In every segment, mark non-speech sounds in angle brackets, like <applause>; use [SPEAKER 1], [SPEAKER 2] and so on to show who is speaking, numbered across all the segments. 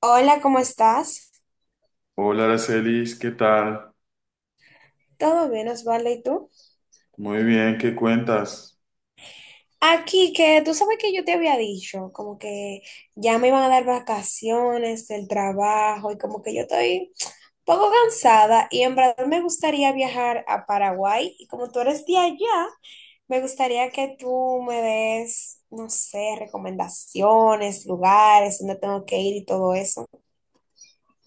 [SPEAKER 1] Hola, ¿cómo estás?
[SPEAKER 2] Hola, Aracelis, ¿qué tal?
[SPEAKER 1] ¿Todo bien, Osvaldo? ¿Y tú?
[SPEAKER 2] Muy bien, ¿qué cuentas?
[SPEAKER 1] Aquí, que tú sabes que yo te había dicho, como que ya me iban a dar vacaciones del trabajo y como que yo estoy un poco cansada y en verdad me gustaría viajar a Paraguay y como tú eres de allá, me gustaría que tú me des, no sé, recomendaciones, lugares, dónde tengo que ir y todo eso.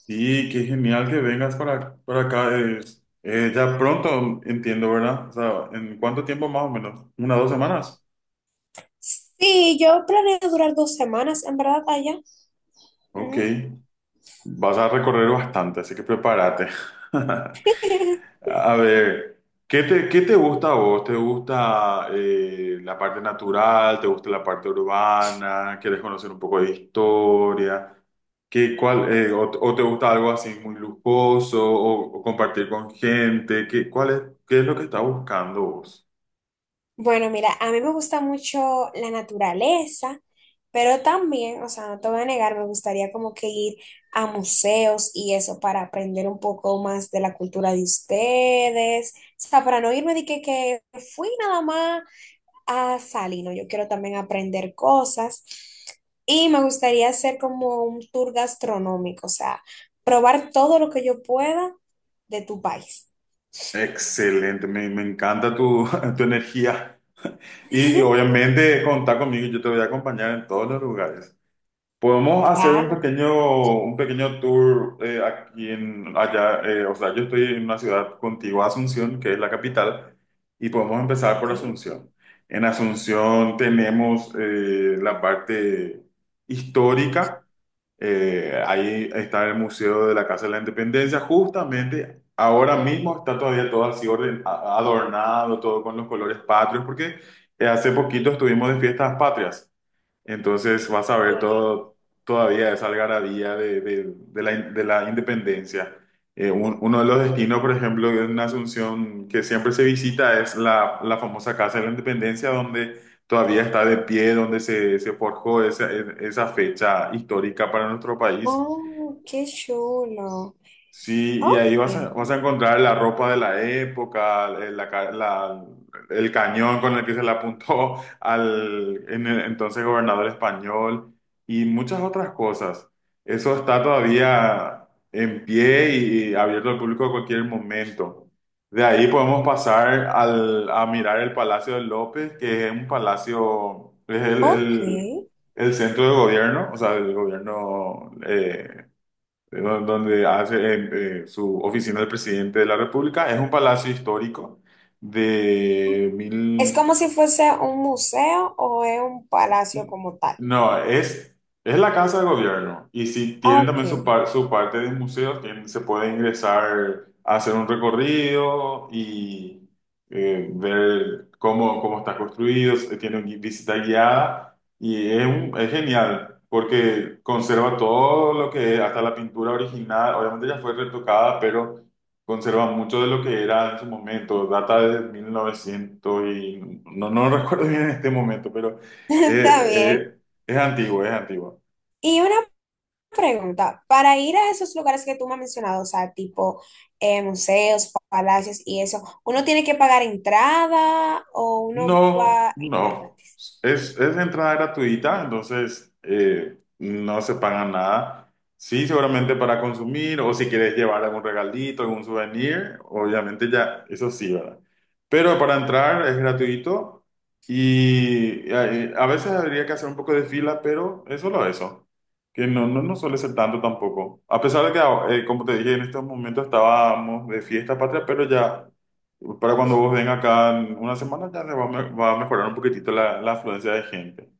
[SPEAKER 2] Sí, qué genial que vengas para acá. Es, ya pronto, entiendo, ¿verdad? O sea, ¿en cuánto tiempo más o menos? ¿Una, dos semanas?
[SPEAKER 1] Sí, yo planeo durar 2 semanas, en verdad, allá.
[SPEAKER 2] Ok,
[SPEAKER 1] Ujú.
[SPEAKER 2] vas a recorrer bastante, así que prepárate. <laughs> A ver, ¿qué te gusta a vos? ¿Te gusta la parte natural? ¿Te gusta la parte urbana? ¿Quieres conocer un poco de historia? ¿O te gusta algo así muy lujoso o compartir con gente? ¿Qué es lo que estás buscando vos?
[SPEAKER 1] Bueno, mira, a mí me gusta mucho la naturaleza, pero también, o sea, no te voy a negar, me gustaría como que ir a museos y eso para aprender un poco más de la cultura de ustedes. O sea, para no irme de que fui nada más a Salino, yo quiero también aprender cosas y me gustaría hacer como un tour gastronómico, o sea, probar todo lo que yo pueda de tu país.
[SPEAKER 2] Excelente, me encanta tu, <laughs> tu energía. Y obviamente contar conmigo, yo te voy a acompañar en todos los lugares. Podemos hacer
[SPEAKER 1] Claro,
[SPEAKER 2] un pequeño tour aquí en allá. O sea, yo estoy en una ciudad contigua a Asunción, que es la capital, y podemos empezar
[SPEAKER 1] ok.
[SPEAKER 2] por Asunción. En Asunción tenemos la parte histórica. Eh, ahí está el Museo de la Casa de la Independencia. Justamente ahora mismo está todavía todo así orden, adornado, todo con los colores patrios, porque hace poquito estuvimos de fiestas patrias. Entonces vas a ver todo, todavía esa algarabía de la independencia. Uno de los destinos, por ejemplo, en Asunción que siempre se visita es la famosa Casa de la Independencia, donde todavía está de pie, donde se forjó esa fecha histórica para nuestro país.
[SPEAKER 1] Oh, qué chulo.
[SPEAKER 2] Sí, y ahí
[SPEAKER 1] Ok,
[SPEAKER 2] vas a encontrar la ropa de la época, el, la ca- la- el cañón con el que se le apuntó <laughs> al en el entonces gobernador español y muchas otras cosas. Eso está todavía en pie y abierto al público a cualquier momento. De ahí podemos pasar a mirar el Palacio de López, que es un palacio,
[SPEAKER 1] ok.
[SPEAKER 2] el centro de gobierno, o sea, el gobierno donde hace su oficina el presidente de la República. Es un palacio histórico de
[SPEAKER 1] ¿Es
[SPEAKER 2] mil,
[SPEAKER 1] como si fuese un museo o es un palacio como tal?
[SPEAKER 2] no, es la casa de gobierno. Y si tienen
[SPEAKER 1] Ok,
[SPEAKER 2] también su, su parte de museos, se puede ingresar a hacer un recorrido y ver cómo está construido. Tiene visita guiada y es, es genial porque conserva todo lo que hasta la pintura original. Obviamente ya fue retocada, pero conserva mucho de lo que era en su momento. Data de 1900 y no, no recuerdo bien en este momento, pero...
[SPEAKER 1] <laughs> está
[SPEAKER 2] Eh,
[SPEAKER 1] bien.
[SPEAKER 2] eh, es antiguo, es antiguo.
[SPEAKER 1] Y una pregunta, para ir a esos lugares que tú me has mencionado, o sea, tipo museos, palacios y eso, ¿uno tiene que pagar entrada o uno va
[SPEAKER 2] No,
[SPEAKER 1] a entrar?
[SPEAKER 2] no. Es entrada gratuita, entonces no se paga nada. Sí, seguramente para consumir o si quieres llevar algún regalito, algún souvenir, obviamente ya, eso sí, ¿verdad? Pero para entrar es gratuito y a veces habría que hacer un poco de fila, pero es solo eso, que no, no, no suele ser tanto tampoco. A pesar de que, como te dije, en estos momentos estábamos de fiesta patria, pero ya... Para cuando vos vengas acá en una semana ya se va a, va a mejorar un poquitito la afluencia de gente.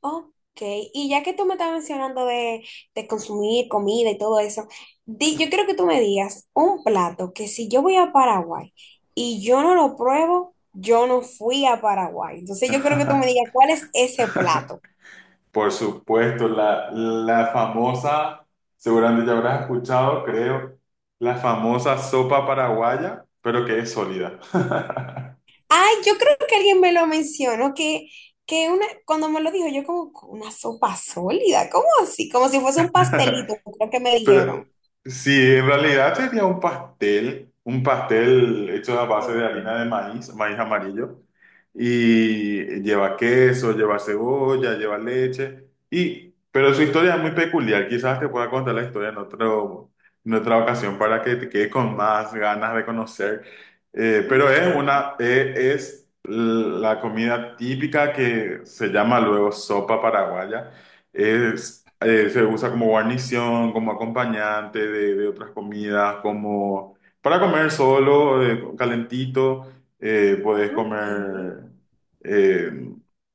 [SPEAKER 1] Ok, y ya que tú me estás mencionando de consumir comida y todo eso, yo quiero que tú me digas un plato que si yo voy a Paraguay y yo no lo pruebo, yo no fui a Paraguay. Entonces yo creo que tú me digas
[SPEAKER 2] <laughs>
[SPEAKER 1] cuál es ese plato.
[SPEAKER 2] Por supuesto, la famosa, seguramente ya habrás escuchado, creo, la famosa sopa paraguaya, pero que es sólida.
[SPEAKER 1] Ay, yo creo que alguien me lo mencionó, que una, cuando me lo dijo, yo como una sopa sólida, ¿cómo así? Como si fuese un pastelito, creo que me
[SPEAKER 2] <laughs>
[SPEAKER 1] dijeron.
[SPEAKER 2] Pero sí, en realidad sería un pastel hecho a base de
[SPEAKER 1] Ok,
[SPEAKER 2] harina de maíz, maíz amarillo, y lleva queso, lleva cebolla, lleva leche, y, pero su historia es muy peculiar, quizás te pueda contar la historia en otro, en otra ocasión para que te quedes con más ganas de conocer. Pero
[SPEAKER 1] ok,
[SPEAKER 2] es una, es la comida típica que se llama luego sopa paraguaya, es, se usa como guarnición, como acompañante de otras comidas, como para comer solo, calentito, puedes
[SPEAKER 1] ok.
[SPEAKER 2] comer eh,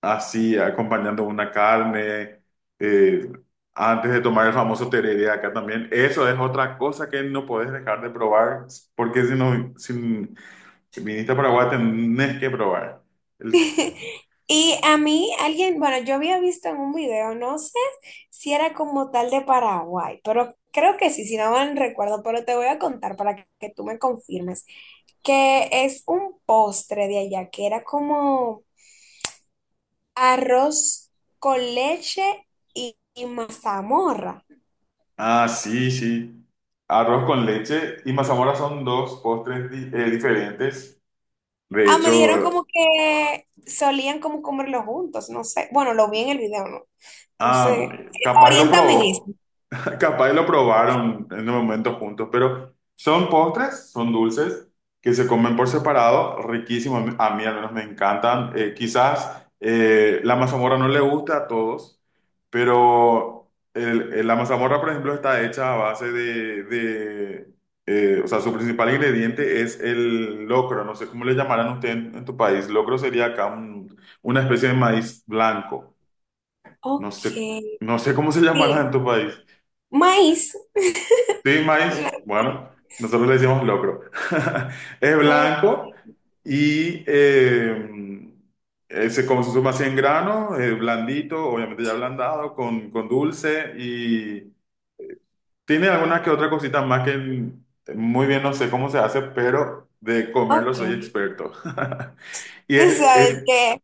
[SPEAKER 2] así, acompañando una carne, eh, antes de tomar el famoso tereré acá también. Eso es otra cosa que no puedes dejar de probar, porque si no, si viniste a Paraguay tenés que probar.
[SPEAKER 1] <laughs> Y a mí alguien, bueno, yo había visto en un video, no sé si era como tal de Paraguay, pero creo que sí, si no mal recuerdo, pero te voy a contar que tú me confirmes, que es un postre de allá, que era como arroz con leche y mazamorra.
[SPEAKER 2] Ah, sí, sí. Arroz con leche y mazamorra son dos postres diferentes. De
[SPEAKER 1] Ah, me dijeron
[SPEAKER 2] hecho,
[SPEAKER 1] como que solían como comerlo juntos, no sé, bueno, lo vi en el video, no, no
[SPEAKER 2] ah,
[SPEAKER 1] sé,
[SPEAKER 2] capaz lo
[SPEAKER 1] oriéntame en eso.
[SPEAKER 2] probó. Capaz lo probaron en el momento juntos, pero son postres, son dulces que se comen por separado, riquísimos. A mí al menos me encantan. Quizás la mazamorra no le gusta a todos, pero la mazamorra, por ejemplo, está hecha a base de, o sea, su principal ingrediente es el locro. No sé cómo le llamarán ustedes en tu país. Locro sería acá una especie de maíz blanco. No sé,
[SPEAKER 1] Ok,
[SPEAKER 2] no sé cómo se llamará en
[SPEAKER 1] sí,
[SPEAKER 2] tu país.
[SPEAKER 1] maíz.
[SPEAKER 2] Sí, maíz,
[SPEAKER 1] La-
[SPEAKER 2] bueno, nosotros le decimos locro. <laughs> Es blanco y se consume así en grano, blandito, obviamente ya ablandado, con dulce y tiene alguna que otra cosita más que muy bien no sé cómo se hace, pero de comerlo
[SPEAKER 1] Ok,
[SPEAKER 2] soy experto. <laughs> Y
[SPEAKER 1] tú sabes
[SPEAKER 2] es,
[SPEAKER 1] que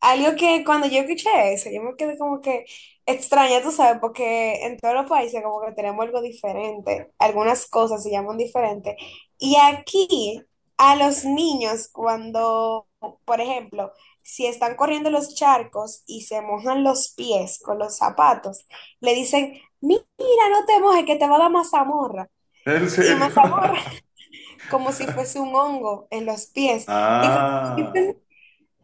[SPEAKER 1] algo que cuando yo escuché eso, yo me quedé como que extraña, tú sabes, porque en todos los países como que tenemos algo diferente, algunas cosas se llaman diferente. Y aquí a los niños cuando, por ejemplo, si están corriendo los charcos y se mojan los pies con los zapatos, le dicen, mira, no te mojes, que te va a dar mazamorra.
[SPEAKER 2] en
[SPEAKER 1] Y
[SPEAKER 2] serio.
[SPEAKER 1] más amor,
[SPEAKER 2] <laughs>
[SPEAKER 1] <laughs> como si fuese un hongo en los pies. Y cuando me
[SPEAKER 2] Ah.
[SPEAKER 1] dicen,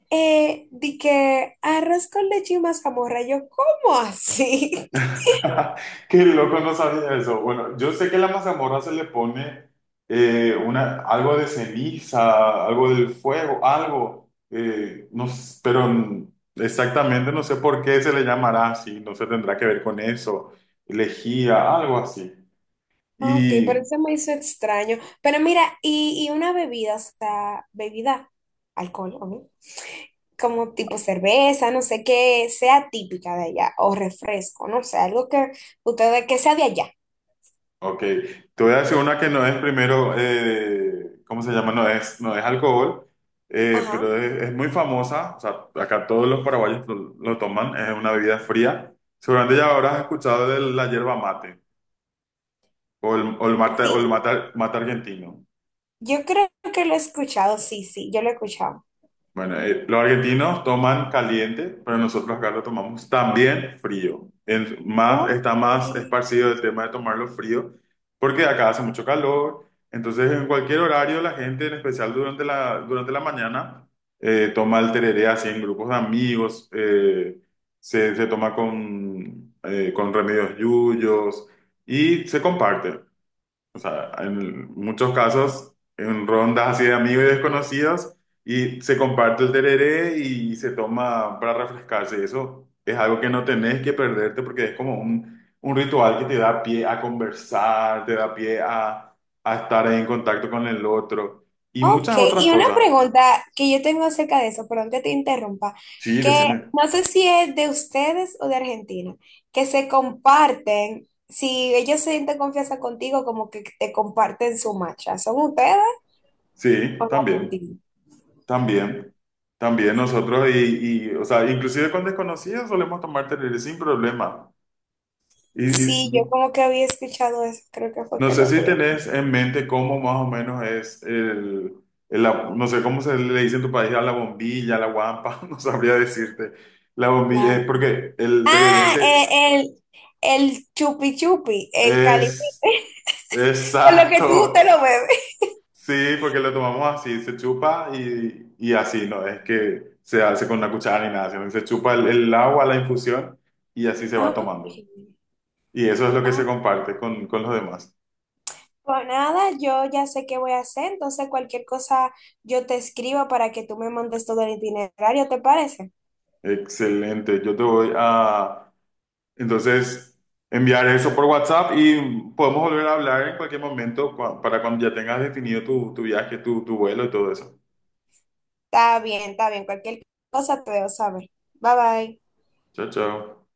[SPEAKER 1] di que arroz con leche y mazamorra, yo, ¿cómo así? <laughs>
[SPEAKER 2] <laughs> Qué loco, no sabía eso. Bueno, yo sé que a la mazamorra se le pone algo de ceniza, algo del fuego, algo, no, s- pero n- exactamente no sé por qué se le llamará así, no se tendrá que ver con eso, lejía, algo así.
[SPEAKER 1] Ok, pero eso me hizo extraño. Pero mira, y una bebida, o sea, bebida, alcohol, ¿no? Como tipo cerveza, no sé, qué sea típica de allá, o refresco, no sé, algo que ustedes, que sea de allá.
[SPEAKER 2] Ok, te voy a decir una que no es primero, ¿cómo se llama? No es, no es alcohol,
[SPEAKER 1] Ajá,
[SPEAKER 2] pero es muy famosa, o sea, acá todos los paraguayos lo toman, es una bebida fría. Seguramente ya habrás escuchado de la yerba mate o el mate,
[SPEAKER 1] sí,
[SPEAKER 2] mate argentino.
[SPEAKER 1] yo creo que lo he escuchado, sí, sí, yo lo he escuchado.
[SPEAKER 2] Bueno, los argentinos toman caliente, pero nosotros acá lo tomamos también frío. Más, está
[SPEAKER 1] Ok.
[SPEAKER 2] más esparcido el tema de tomarlo frío, porque acá hace mucho calor. Entonces, en cualquier horario, la gente, en especial durante la mañana, toma el tereré así en grupos de amigos, se toma con remedios yuyos y se comparte. O sea, en muchos casos, en rondas así de amigos y desconocidos, y se comparte el tereré y se toma para refrescarse. Eso es algo que no tenés que perderte porque es como un ritual que te da pie a conversar, te da pie a estar en contacto con el otro y
[SPEAKER 1] Ok,
[SPEAKER 2] muchas otras
[SPEAKER 1] y una
[SPEAKER 2] cosas.
[SPEAKER 1] pregunta que yo tengo acerca de eso, perdón que te interrumpa,
[SPEAKER 2] Sí,
[SPEAKER 1] que
[SPEAKER 2] decime.
[SPEAKER 1] no sé si es de ustedes o de Argentina, que se comparten, si ellos se sienten confianza contigo, como que te comparten su macha, ¿son ustedes o
[SPEAKER 2] Sí,
[SPEAKER 1] los
[SPEAKER 2] también,
[SPEAKER 1] argentinos?
[SPEAKER 2] también. También nosotros o sea, inclusive con desconocidos solemos tomar tereré sin problema. Y,
[SPEAKER 1] Sí, yo
[SPEAKER 2] y
[SPEAKER 1] como que había escuchado eso, creo que fue
[SPEAKER 2] No
[SPEAKER 1] que
[SPEAKER 2] sé
[SPEAKER 1] lo
[SPEAKER 2] si
[SPEAKER 1] vi.
[SPEAKER 2] tenés en mente cómo más o menos es no sé cómo se le dice en tu país a la bombilla, a la guampa, <laughs> no sabría decirte. La bombilla
[SPEAKER 1] La-
[SPEAKER 2] es porque el tereré
[SPEAKER 1] Ah, el chupi chupi, el caliente,
[SPEAKER 2] es
[SPEAKER 1] <laughs> con lo que tú te
[SPEAKER 2] exacto,
[SPEAKER 1] lo bebes.
[SPEAKER 2] sí, porque lo tomamos así, se chupa y así, no es que se hace con una cuchara ni nada, sino que se chupa el agua, la infusión y así se va
[SPEAKER 1] Ok,
[SPEAKER 2] tomando. Y eso es lo que se
[SPEAKER 1] ok.
[SPEAKER 2] comparte con los demás.
[SPEAKER 1] Pues nada, yo ya sé qué voy a hacer, entonces cualquier cosa yo te escribo para que tú me montes todo el itinerario, ¿te parece?
[SPEAKER 2] Excelente, yo te voy a, entonces, enviar eso por WhatsApp y podemos volver a hablar en cualquier momento para cuando ya tengas definido tu viaje, tu vuelo y todo eso.
[SPEAKER 1] Está bien, cualquier cosa te debo saber. Bye bye.
[SPEAKER 2] Chao, chao.